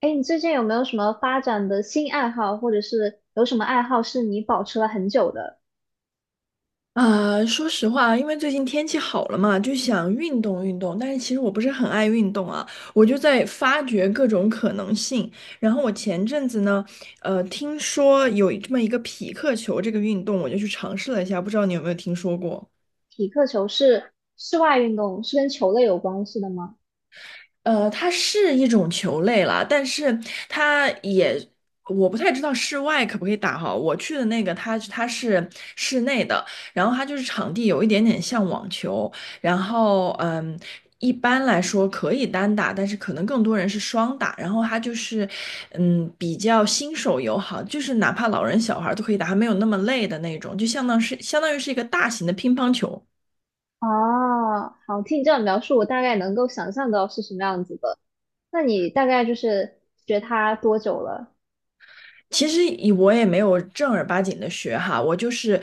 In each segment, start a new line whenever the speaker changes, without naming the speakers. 哎，你最近有没有什么发展的新爱好，或者是有什么爱好是你保持了很久的？
啊，说实话，因为最近天气好了嘛，就想运动运动。但是其实我不是很爱运动啊，我就在发掘各种可能性。然后我前阵子呢，听说有这么一个匹克球这个运动，我就去尝试了一下，不知道你有没有听说过？
匹克球是室外运动，是跟球类有关系的吗？
呃，它是一种球类啦，但是它也，我不太知道室外可不可以打哈。我去的那个，它是室内的，然后它就是场地有一点点像网球，然后一般来说可以单打，但是可能更多人是双打。然后它就是比较新手友好，就是哪怕老人小孩儿都可以打，还没有那么累的那种，就相当于是一个大型的乒乓球。
哦，好，听你这样描述，我大概能够想象到是什么样子的。那你大概就是学它多久了？
其实以我也没有正儿八经的学哈，我就是，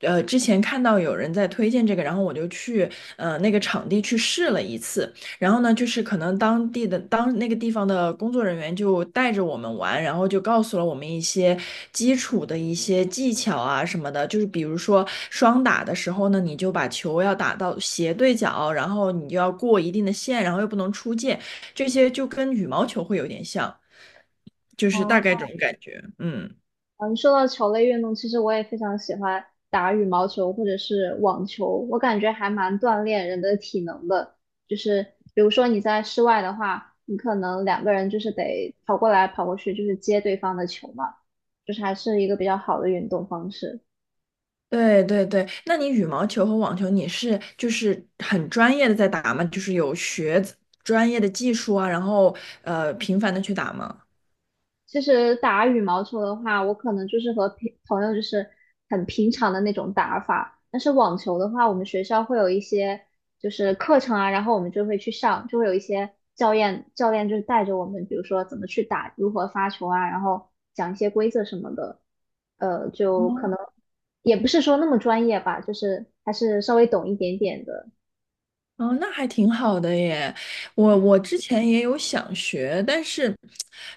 呃，之前看到有人在推荐这个，然后我就去呃那个场地去试了一次，然后呢，就是可能当那个地方的工作人员就带着我们玩，然后就告诉了我们一些基础的一些技巧啊什么的，就是比如说双打的时候呢，你就把球要打到斜对角，然后你就要过一定的线，然后又不能出界，这些就跟羽毛球会有点像，就是大
哦，
概这种感觉，嗯。
嗯，说到球类运动，其实我也非常喜欢打羽毛球或者是网球，我感觉还蛮锻炼人的体能的。就是比如说你在室外的话，你可能两个人就是得跑过来跑过去，就是接对方的球嘛，就是还是一个比较好的运动方式。
对对对，那你羽毛球和网球，你是就是很专业的在打吗？就是有学专业的技术啊，然后呃频繁的去打吗？
其实打羽毛球的话，我可能就是和平朋友就是很平常的那种打法。但是网球的话，我们学校会有一些就是课程啊，然后我们就会去上，就会有一些教练就是带着我们，比如说怎么去打，如何发球啊，然后讲一些规则什么的。就可能也不是说那么专业吧，就是还是稍微懂一点点的。嗯。
哦，那还挺好的耶。我之前也有想学，但是，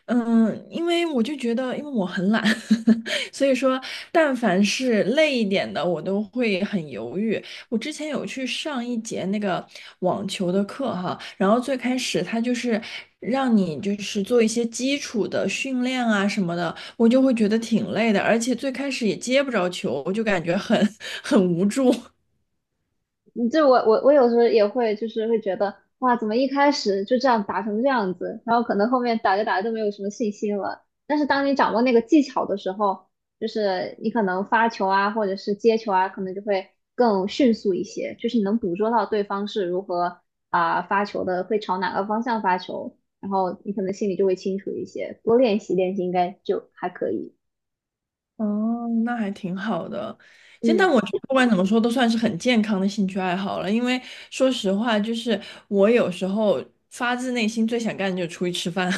嗯，因为我就觉得，因为我很懒，所以说，但凡是累一点的，我都会很犹豫。我之前有去上一节那个网球的课哈，然后最开始他就是让你就是做一些基础的训练啊什么的，我就会觉得挺累的，而且最开始也接不着球，我就感觉很 很无助。
你这我有时候也会就是会觉得哇，怎么一开始就这样打成这样子，然后可能后面打着打着就没有什么信心了。但是当你掌握那个技巧的时候，就是你可能发球啊，或者是接球啊，可能就会更迅速一些，就是你能捕捉到对方是如何啊、发球的，会朝哪个方向发球，然后你可能心里就会清楚一些。多练习练习应该就还可以。
哦，那还挺好的。现在
嗯，
我觉得不管怎么说，都算是很健康的兴趣爱好了。因为说实话，就是我有时候发自内心最想干的就是出去吃饭。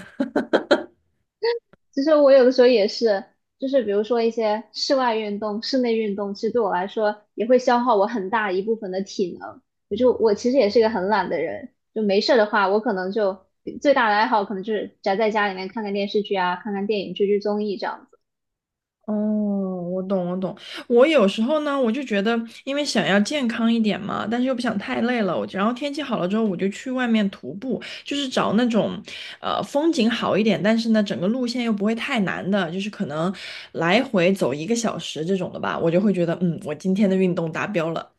其实我有的时候也是，就是比如说一些室外运动、室内运动，其实对我来说也会消耗我很大一部分的体能。我其实也是一个很懒的人，就没事儿的话，我可能就最大的爱好可能就是宅在家里面看看电视剧啊，看看电影、追追综艺这样子。
哦，我懂，我懂。我有时候呢，我就觉得，因为想要健康一点嘛，但是又不想太累了，我然后天气好了之后，我就去外面徒步，就是找那种，呃，风景好一点，但是呢，整个路线又不会太难的，就是可能来回走一个小时这种的吧，我就会觉得，嗯，我今天的运动达标了。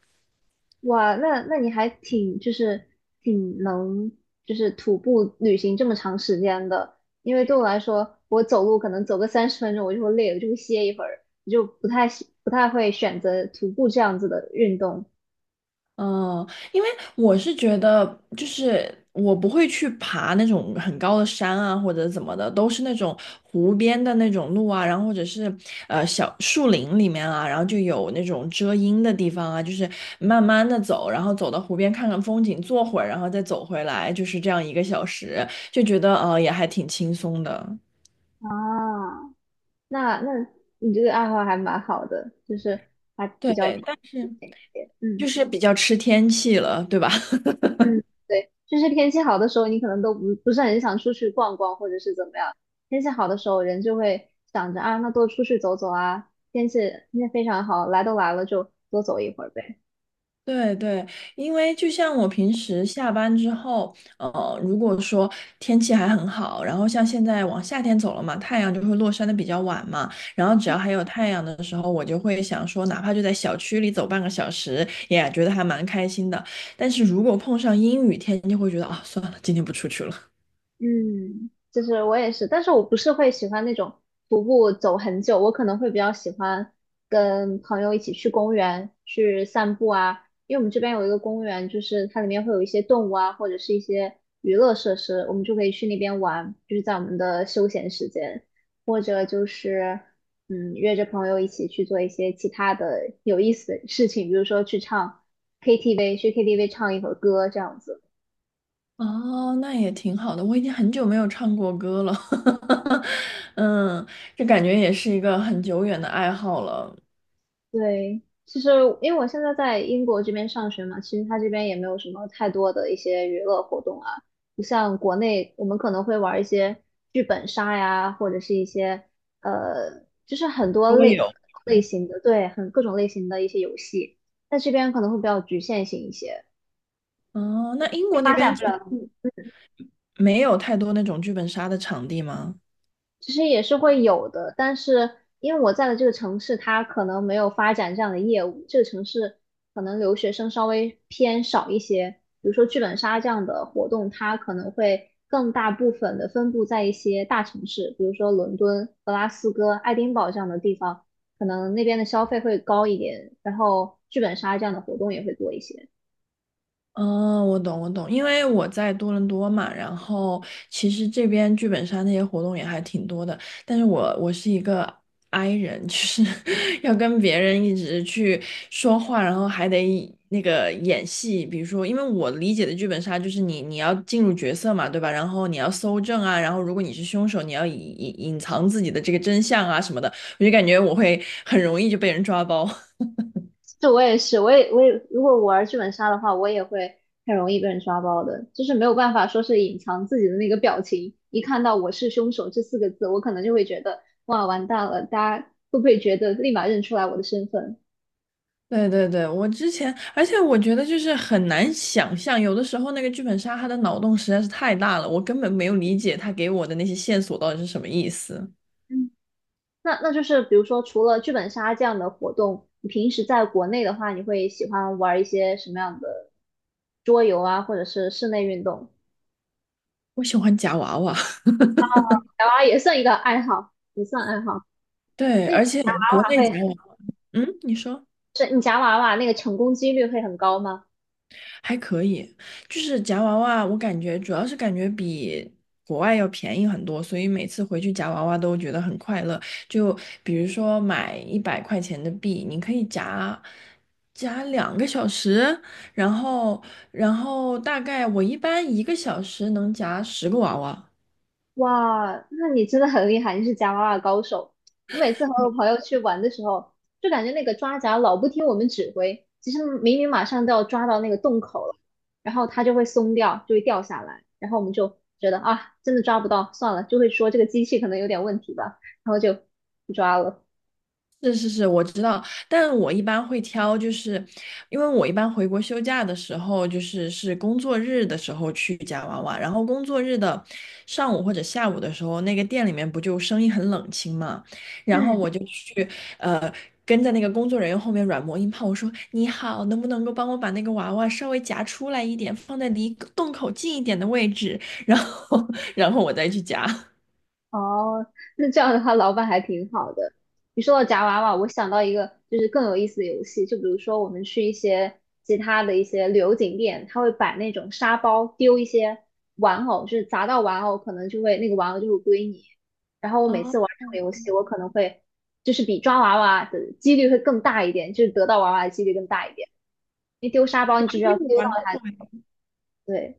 哇，那你还挺就是挺能就是徒步旅行这么长时间的，因为对我来说，我走路可能走个30分钟我就会累，了，我就会歇一会儿，我就不太会选择徒步这样子的运动
嗯，因为我是觉得，就是我不会去爬那种很高的山啊，或者怎么的，都是那种湖边的那种路啊，然后或者是呃小树林里面啊，然后就有那种遮阴的地方啊，就是慢慢的走，然后走到湖边看看风景，坐会儿，然后再走回来，就是这样一个小时，就觉得呃也还挺轻松的。
啊。那你这个爱好还蛮好的，就是还比
对，
较偏
但是
一些，
就
嗯。
是比较吃天气了，对吧？
嗯，对，就是天气好的时候，你可能都不不是很想出去逛逛，或者是怎么样。天气好的时候，人就会想着啊，那多出去走走啊。天气非常好，来都来了就多走一会儿呗。
对对，因为就像我平时下班之后，呃，如果说天气还很好，然后像现在往夏天走了嘛，太阳就会落山的比较晚嘛，然后只要还有太阳的时候，我就会想说，哪怕就在小区里走半个小时，也觉得还蛮开心的。但是如果碰上阴雨天，就会觉得啊，算了，今天不出去了。
嗯，就是我也是，但是我不是会喜欢那种徒步走很久，我可能会比较喜欢跟朋友一起去公园去散步啊，因为我们这边有一个公园，就是它里面会有一些动物啊，或者是一些娱乐设施，我们就可以去那边玩，就是在我们的休闲时间，或者就是嗯约着朋友一起去做一些其他的有意思的事情，比如说去唱 KTV，去 KTV 唱一会儿歌这样子。
哦，那也挺好的，我已经很久没有唱过歌了，嗯，这感觉也是一个很久远的爱好了。
对，其实因为我现在在英国这边上学嘛，其实它这边也没有什么太多的一些娱乐活动啊，不像国内我们可能会玩一些剧本杀呀，或者是一些就是很多
我
类
有。
类型的，对，很各种类型的一些游戏，在这边可能会比较局限性一些，
哦，那英国那
发
边
展不
其
了。
实没有太多那种剧本杀的场地吗？
其实也是会有的，但是因为我在的这个城市，它可能没有发展这样的业务，这个城市可能留学生稍微偏少一些。比如说剧本杀这样的活动，它可能会更大部分的分布在一些大城市，比如说伦敦、格拉斯哥、爱丁堡这样的地方，可能那边的消费会高一点，然后剧本杀这样的活动也会多一些。
哦，我懂，我懂，因为我在多伦多嘛，然后其实这边剧本杀那些活动也还挺多的，但是我是一个 i 人，就是 要跟别人一直去说话，然后还得那个演戏，比如说，因为我理解的剧本杀就是你要进入角色嘛，对吧？然后你要搜证啊，然后如果你是凶手，你要隐藏自己的这个真相啊什么的，我就感觉我会很容易就被人抓包。
这我也是，我也，如果我玩剧本杀的话，我也会很容易被人抓包的，就是没有办法说是隐藏自己的那个表情，一看到“我是凶手”这四个字，我可能就会觉得哇完蛋了，大家会不会觉得立马认出来我的身份？
对对对，我之前，而且我觉得就是很难想象，有的时候那个剧本杀他的脑洞实在是太大了，我根本没有理解他给我的那些线索到底是什么意思。
嗯，那就是比如说除了剧本杀这样的活动，你平时在国内的话，你会喜欢玩一些什么样的桌游啊，或者是室内运动？
我喜欢夹娃娃，
夹娃娃也算一个爱好，也算爱好。
对，
那你
而且国
娃娃
内
会
夹娃，嗯，你说。
是你夹娃娃那个成功几率会很高吗？
还可以，就是夹娃娃，我感觉主要是感觉比国外要便宜很多，所以每次回去夹娃娃都觉得很快乐。就比如说买100块钱的币，你可以夹2个小时，然后然后大概我一般一个小时能夹10个娃娃。
哇，那你真的很厉害，你是夹娃娃高手。我每次和我朋友去玩的时候，就感觉那个抓夹老不听我们指挥，其实明明马上都要抓到那个洞口了，然后它就会松掉，就会掉下来，然后我们就觉得啊，真的抓不到，算了，就会说这个机器可能有点问题吧，然后就不抓了。
是是是，我知道，但我一般会挑，就是因为我一般回国休假的时候，就是是工作日的时候去夹娃娃，然后工作日的上午或者下午的时候，那个店里面不就生意很冷清嘛，然后
嗯。
我就去呃跟在那个工作人员后面软磨硬泡，我说你好，能不能够帮我把那个娃娃稍微夹出来一点，放在离洞口近一点的位置，然后 然后我再去夹。
哦，那这样的话，老板还挺好的。你说到夹娃娃，我想到一个就是更有意思的游戏，就比如说我们去一些其他的一些旅游景点，他会摆那种沙包，丢一些玩偶，就是砸到玩偶，可能就会那个玩偶就会归你。然后我每
哦，
次玩这种游戏，我可能会就是比抓娃娃的几率会更大一点，就是得到娃娃的几率更大一点。因为丢沙包，
我
你只
还
需
没
要
有
丢
夹
到它，
过
对。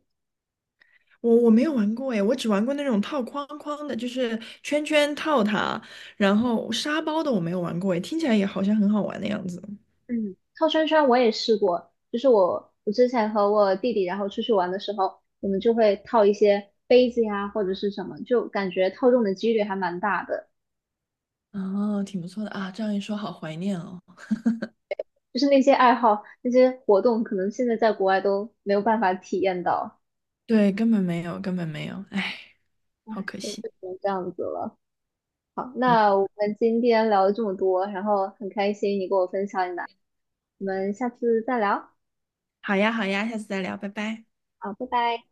我没有玩过诶，我只玩过那种套框框的，就是圈圈套它，然后沙包的我没有玩过诶，听起来也好像很好玩的样子。
嗯，套圈圈我也试过，就是我之前和我弟弟然后出去玩的时候，我们就会套一些杯子呀或者是什么，就感觉套中的几率还蛮大的。
哦，挺不错的啊，这样一说，好怀念哦。
就是那些爱好、那些活动，可能现在在国外都没有办法体验到，
对，根本没有，根本没有，哎，好可
就
惜。
只能这样子了。好，
嗯，
那我们今天聊了这么多，然后很开心你跟我分享你的，我们下次再聊，
好呀，好呀，下次再聊，拜拜。
好，拜拜。